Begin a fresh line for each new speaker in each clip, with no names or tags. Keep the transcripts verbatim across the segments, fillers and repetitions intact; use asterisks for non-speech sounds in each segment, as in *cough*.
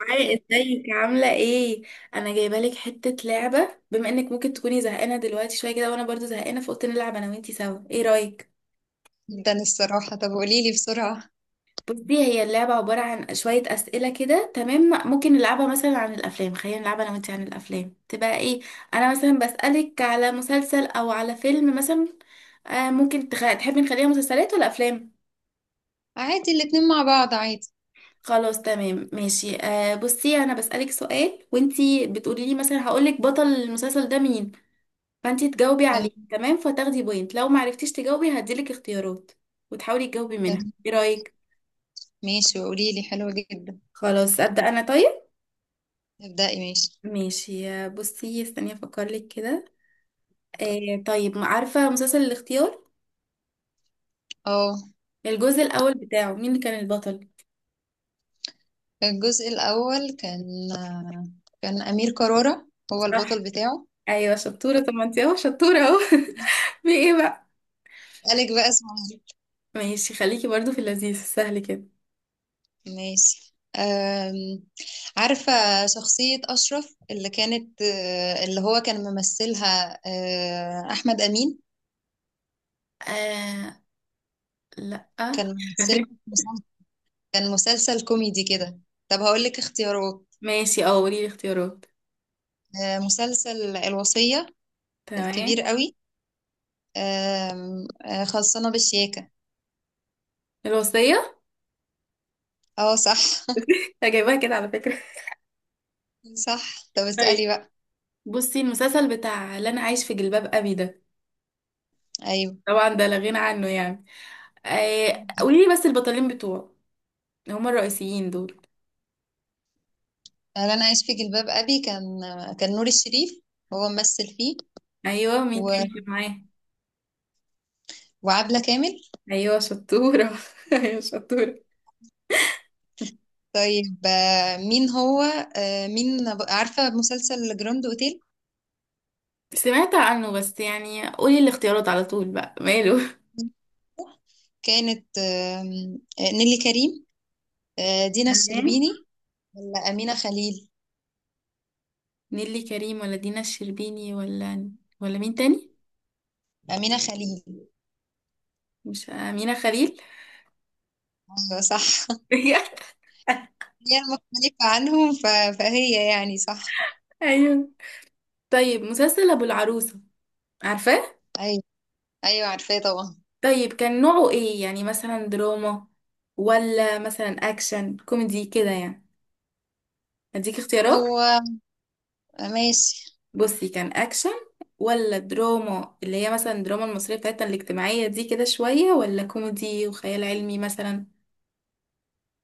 معايا، ازيك؟ عاملة ايه؟ انا جايبة لك حتة لعبة، بما انك ممكن تكوني زهقانة دلوقتي شوية كده وانا برضو زهقانة، فقلت نلعب انا وانتي سوا. ايه رأيك؟
جدا الصراحة. طب قوليلي بسرعة.
بصي، هي اللعبة عبارة عن شوية أسئلة كده. تمام؟ ممكن نلعبها مثلا عن الأفلام. خلينا نلعبها أنا وأنتي عن الأفلام تبقى إيه؟ أنا مثلا بسألك على مسلسل أو على فيلم مثلا. آه ممكن تخ... تحبي نخليها مسلسلات ولا أفلام؟
عادي، الاتنين مع بعض عادي.
خلاص، تمام، ماشي. آه بصي، أنا بسألك سؤال وأنتي بتقولي لي، مثلا هقولك بطل المسلسل ده مين، فانت تجاوبي عليه،
تمام.
تمام؟ فتاخدي بوينت. لو ما عرفتيش تجاوبي هديلك اختيارات وتحاولي تجاوبي منها.
تمام
ايه رأيك؟
ماشي وقوليلي حلوة جدا.
خلاص، أبدأ أنا طيب.
ابدأي ماشي.
ماشي، بصي، استني افكر لك كده. آه طيب، عارفة مسلسل الاختيار؟
اه.
الجزء الأول بتاعه مين اللي كان البطل؟
الجزء الأول كان كان أمير كرارة هو
صح.
البطل بتاعه.
ايوه، شطورة. طب ما انت اهو شطورة اهو. *laughs* في ايه بقى؟
قالك بقى اسمه.
ماشي، خليكي برضو في اللذيذ السهل كده.
ماشي. أم... عارفة شخصية أشرف، اللي كانت آه، اللي هو كان ممثلها. آه، أحمد أمين.
آه، لا.
كان ممثل كان مسلسل كوميدي كده. طب هقولك اختيارات.
*laughs* ماشي، اه قولي لي الاختيارات.
آه، مسلسل الوصية، الكبير
تمام.
قوي. آم، آه، خلصانة بالشياكة.
الوصية.
اه صح.
*laughs* أنا جايباها كده على فكرة.
صح. طب
طيب،
اسألي بقى.
بصي، المسلسل بتاع اللي انا عايش في جلباب ابي ده،
ايوه،
طبعا ده لا غنى عنه يعني. آه، قولي لي بس البطلين بتوعه هما الرئيسيين دول.
انا عايش في جلباب ابي كان كان نور الشريف هو ممثل فيه.
ايوه، مين
و...
تاني كان معاه؟
وعبلة كامل.
ايوه شطوره. *laughs* ايوه شطوره.
طيب. آه، مين هو آه، مين عارفة مسلسل جراند اوتيل؟
سمعت عنه بس، يعني قولي الاختيارات على طول بقى، ماله.
كانت آم، آه، نيلي كريم، آه، دينا
تمام.
الشربيني، ولا أمينة خليل.
نيلي كريم ولا دينا الشربيني ولا ولا مين تاني؟
أمينة خليل.
مش امينه خليل؟
أيوة صح.
*laughs*
هي مختلفة عنهم ف... فهي يعني صح.
ايوه. طيب، مسلسل ابو العروسه، عارفاه؟
أيوة. أيوة عارفاه طبعا.
طيب، كان نوعه ايه؟ يعني مثلا دراما ولا مثلا اكشن كوميدي كده يعني. اديك اختيارات.
هو ماشي.
بصي، كان اكشن ولا دراما اللي هي مثلا الدراما المصرية بتاعتنا الاجتماعية دي كده شوية، ولا كوميدي وخيال علمي مثلا؟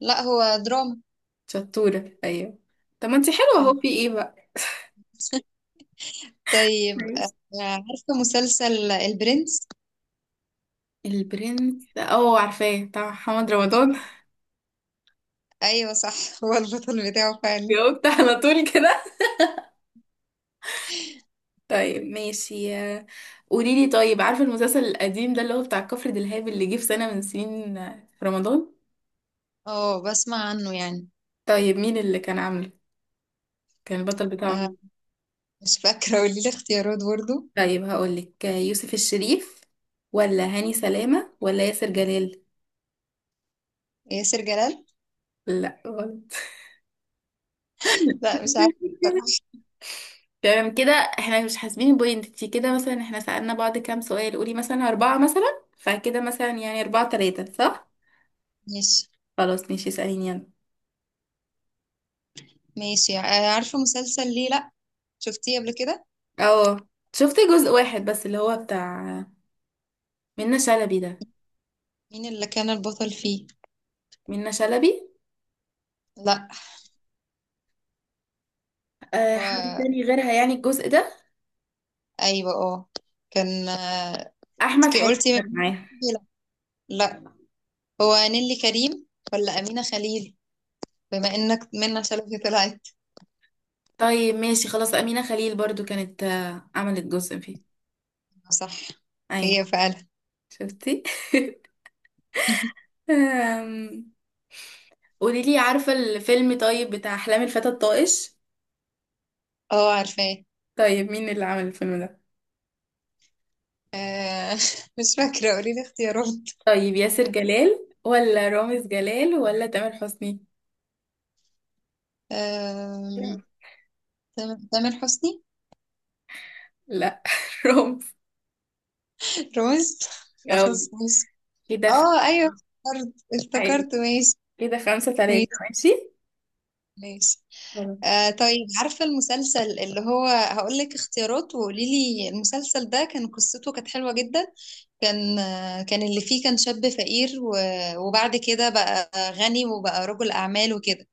لا، هو دراما.
شطورة، ايوه. طب ما انتي حلوة اهو. في ايه بقى؟
طيب. آه،
كويس.
عارفة مسلسل البرنس؟
البرنس، اه، عارفاه، بتاع محمد رمضان. *laughs*
أيوة صح. *laughs* هو البطل بتاعه فعلا.
جاوبت على طول كده. طيب، ماشي. قولي لي، طيب، عارفة المسلسل القديم ده اللي هو بتاع كفر دلهاب اللي جه في سنة من سنين، آه، في رمضان؟
اه بسمع عنه يعني.
طيب، مين اللي كان عامله؟ كان البطل بتاعه
آه،
مين؟
مش فاكرة، قولي لي اختيارات برضو.
طيب هقولك آه، يوسف الشريف ولا هاني سلامة ولا ياسر جلال؟
ياسر جلال.
لا، غلط.
لا مش عارفة
*laughs*
بصراحة.
تمام كده. احنا مش حاسبين بوينت انتي كده، مثلا احنا سألنا بعض كام سؤال، قولي مثلا أربعة مثلا، فكده مثلا يعني أربعة تلاتة. صح؟
ماشي.
خلاص، ماشي، اسأليني يلا.
ماشي. آه، عارفة مسلسل ليه لا؟ شفتيه قبل كده؟
اه، شفت جزء واحد بس اللي هو بتاع منة شلبي ده.
مين اللي كان البطل فيه؟
منة شلبي.
لا.
أه،
هو
حد تاني غيرها يعني الجزء ده؟
ايوه اه. كان آه،
أحمد
انت
حاتم
قلتي من...
كان معاها؟
لا. لا. هو نيلي كريم ولا أمينة خليل، بما انك منى شلبي طلعت.
طيب، ماشي، خلاص. أمينة خليل برضو كانت، آه، عملت جزء فيه.
آه، صح،
أيوة.
هي فعلا.
شفتي؟ *laughs* أم، قولي لي، عارفة الفيلم طيب بتاع أحلام الفتى الطائش؟
اه عارفاه.
طيب، مين اللي عمل الفيلم ده؟
آه، *laughs* مش فاكرة، قولي لي اختيارات.
طيب، ياسر جلال ولا رامز جلال ولا تامر حسني؟
آم، تم- تامر حسني.
لا. *laughs* رامز.
روز. خلاص
أوي.
ماشي.
كده خ-
اه ايوه، افتكرت،
عادي.
افتكرت، ماشي.
كده خمسة تلاتة،
ماشي.
ماشي.
ماشي.
خلاص.
آه طيب، عارفة المسلسل اللي هو هقول لك اختيارات وقولي لي المسلسل ده؟ كان قصته كانت حلوة جدا. كان كان اللي فيه كان شاب فقير و- وبعد كده بقى غني وبقى رجل أعمال وكده.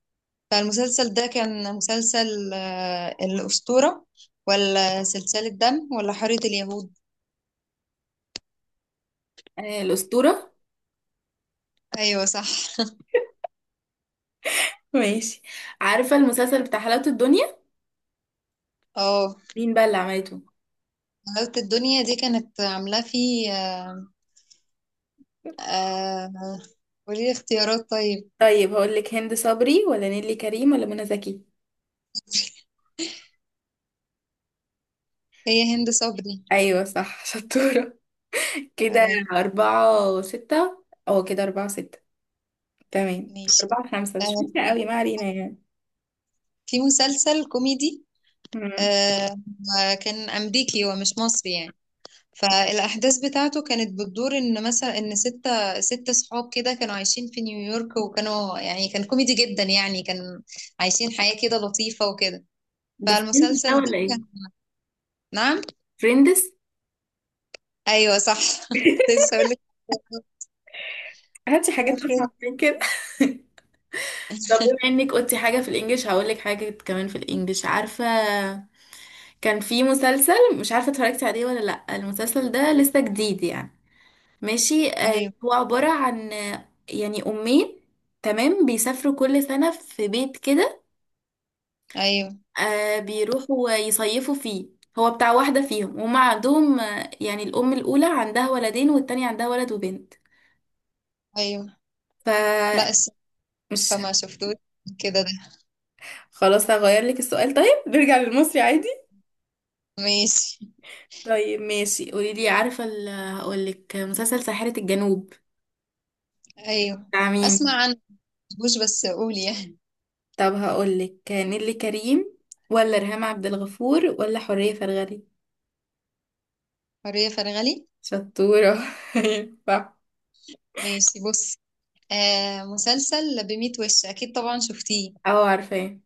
فالمسلسل ده كان مسلسل، آه، الأسطورة ولا سلسلة دم ولا حارة اليهود؟
آه، الأسطورة.
أيوة صح.
ماشي. عارفة المسلسل بتاع حلاوة الدنيا؟
اه،
مين بقى اللي عملته؟
حلاوة الدنيا دي كانت عاملاه فيه. آه، آه، قولي لي اختيارات طيب.
طيب هقول لك: هند صبري ولا نيلي كريم ولا منى زكي؟
هي هند صبري.
ايوه، صح. *laughs* شطورة كده.
تمام.
أربعة وستة، او كده أربعة وستة، تمام.
ماشي.
أربعة خمسة، مش
آه،
فاكرة قوي، ما علينا يعني.
في مسلسل كوميدي،
مم.
آه، كان أمريكي ومش مصري يعني. فالأحداث بتاعته كانت بتدور إن مثلا إن ستة ستة صحاب كده كانوا عايشين في نيويورك، وكانوا يعني كان كوميدي جدا يعني، كان عايشين حياة كده لطيفة وكده.
ده فريندز ده
فالمسلسل ده
ولا ايه؟
كان نعم.
فريندز. *laughs*
أيوه صح. *laughs* كنت لسه أقول لك
هاتي حاجات اصعب
Boyfriend.
من كده. *laughs* طب بما انك قلتي حاجة في الانجليش، هقول لك حاجة كمان في الانجليش. عارفة؟ كان في مسلسل، مش عارفة اتفرجتي عليه ولا لا. المسلسل ده لسه جديد يعني. ماشي. آه،
أيوه.
هو عبارة عن آه، يعني أمين، تمام، بيسافروا كل سنة في بيت كده.
أيوه.
آه، بيروحوا يصيفوا فيه. هو بتاع واحدة فيهم، وهم عندهم، آه، يعني الأم الأولى عندها ولدين والتانية عندها ولد وبنت.
أيوه.
فمش...
لا الصراحة فما شفتوش كده ده.
خلاص، هغير لك السؤال طيب، نرجع للمصري عادي.
ماشي.
طيب، ماشي، قولي لي، عارفة ال- هقولك مسلسل ساحرة الجنوب
أيوه.
بتاع
أسمع
مين؟
عنه، مش بس قولي يعني.
طب هقولك نيللي كريم ولا ريهام عبد الغفور ولا حورية فرغلي؟
حرية فرغلي.
شطورة. *laughs* أيوة، صح.
ماشي بص. آه مسلسل بميت وش، أكيد طبعا شفتيه.
اه، عارفاه.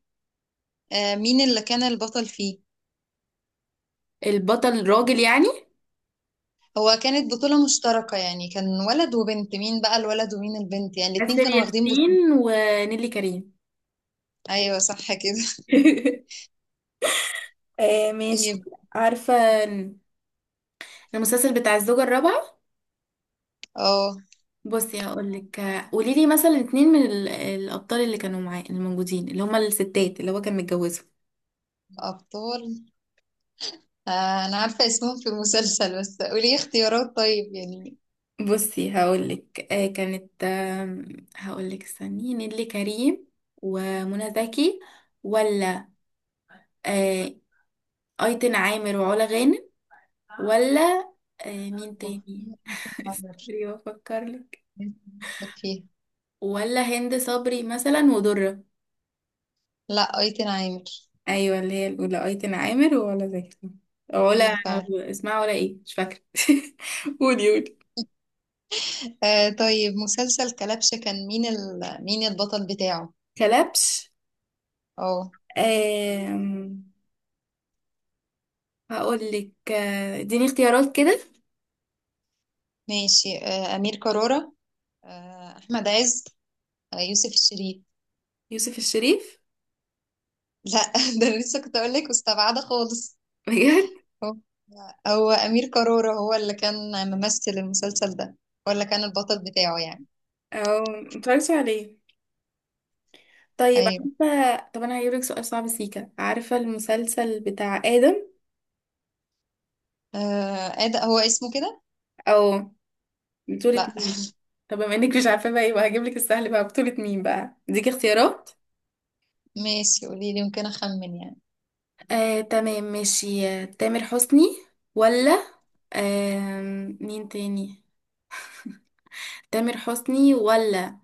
آه، مين اللي كان البطل فيه؟
البطل راجل يعني؟
هو كانت بطولة مشتركة يعني، كان ولد وبنت. مين بقى الولد ومين البنت يعني؟ الاتنين
آسر
كانوا واخدين
ياسين
بطولة.
ونيلي كريم.
ايوه صح كده. *laughs*
*laughs* آه ماشي.
طيب
عارفة المسلسل بتاع الزوجة الرابعة؟
اه.
بصي، هقولك. قولي لي مثلا اتنين من ال- الأبطال اللي كانوا معاه الموجودين، اللي هما الستات اللي هو كان متجوزهم.
ابطال؟ آه انا عارفة اسمهم في المسلسل، بس قولي اختيارات طيب يعني.
بصي هقولك آه كانت آه هقولك، استني، نيللي كريم ومنى زكي، ولا آه أيتن عامر وعلا غانم، ولا آه مين
أوه،
تاني؟
أيتن
*laughs*
عامر
استني بفكر لك.
فيها.
ولا هند صبري مثلا ودرة؟
لا، ايتن عامر
ايوه، اللي هي الاولى ايتن عامر ولا زكي، أو ولا
فيها فعلا.
اسمها ولا ايه، مش فاكره. *laughs* قولي قولي.
آه طيب، مسلسل كلبشة كان مين ال... مين البطل بتاعه؟
كلبش.
اه.
آم... هقول لك آه، اديني اختيارات كده.
ماشي. آه امير كرارة، آه احمد عز، آه يوسف الشريف.
يوسف الشريف.
لا، *laughs* ده أنا لسه كنت اقول لك مستبعده خالص.
*laughs* بجد؟
هو هو امير كرارة هو اللي كان ممثل المسلسل ده، ولا كان البطل بتاعه يعني.
او متفرجتش عليه. طيب،
ايوه.
عارفه؟ طب انا هجيب لك سؤال صعب، سيكا، عارفه المسلسل بتاع ادم؟
آه ده هو اسمه كده.
او بطولة
لا.
مين؟ طب بما انك مش عارفة بقى، يبقى هجيب لك السهل بقى. بطولة مين بقى؟ اديك اختيارات.
*laughs* ماشي، قولي لي يمكن اخمن يعني.
آه، تمام، ماشي. آه، تامر حسني ولا آم، مين تاني، تامر حسني ولا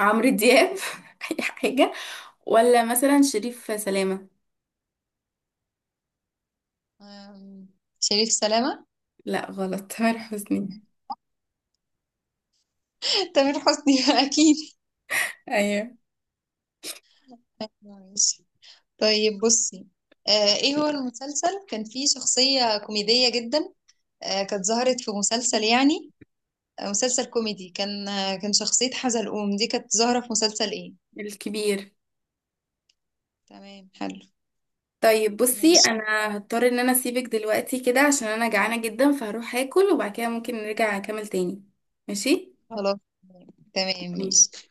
عمرو دياب *laughs* اي حاجة، ولا مثلا شريف سلامة؟
آم، شريف سلامه.
لا، غلط، تامر حسني.
*laughs* تامر حسني *laughs* اكيد.
ايوه.
ماشي. طيب بصي، آه ايه هو المسلسل كان فيه شخصيه كوميديه جدا، آه كانت ظهرت في مسلسل يعني، آه، مسلسل كوميدي، كان آه، كان شخصية حزلقوم دي كانت ظاهرة في مسلسل ايه؟
الكبير.
تمام حلو.
طيب، بصي،
ماشي.
انا هضطر ان انا اسيبك دلوقتي كده، عشان انا جعانة جدا، فهروح اكل وبعد كده ممكن نرجع نكمل تاني. ماشي.
خلاص. تمام
مم.
ماشي.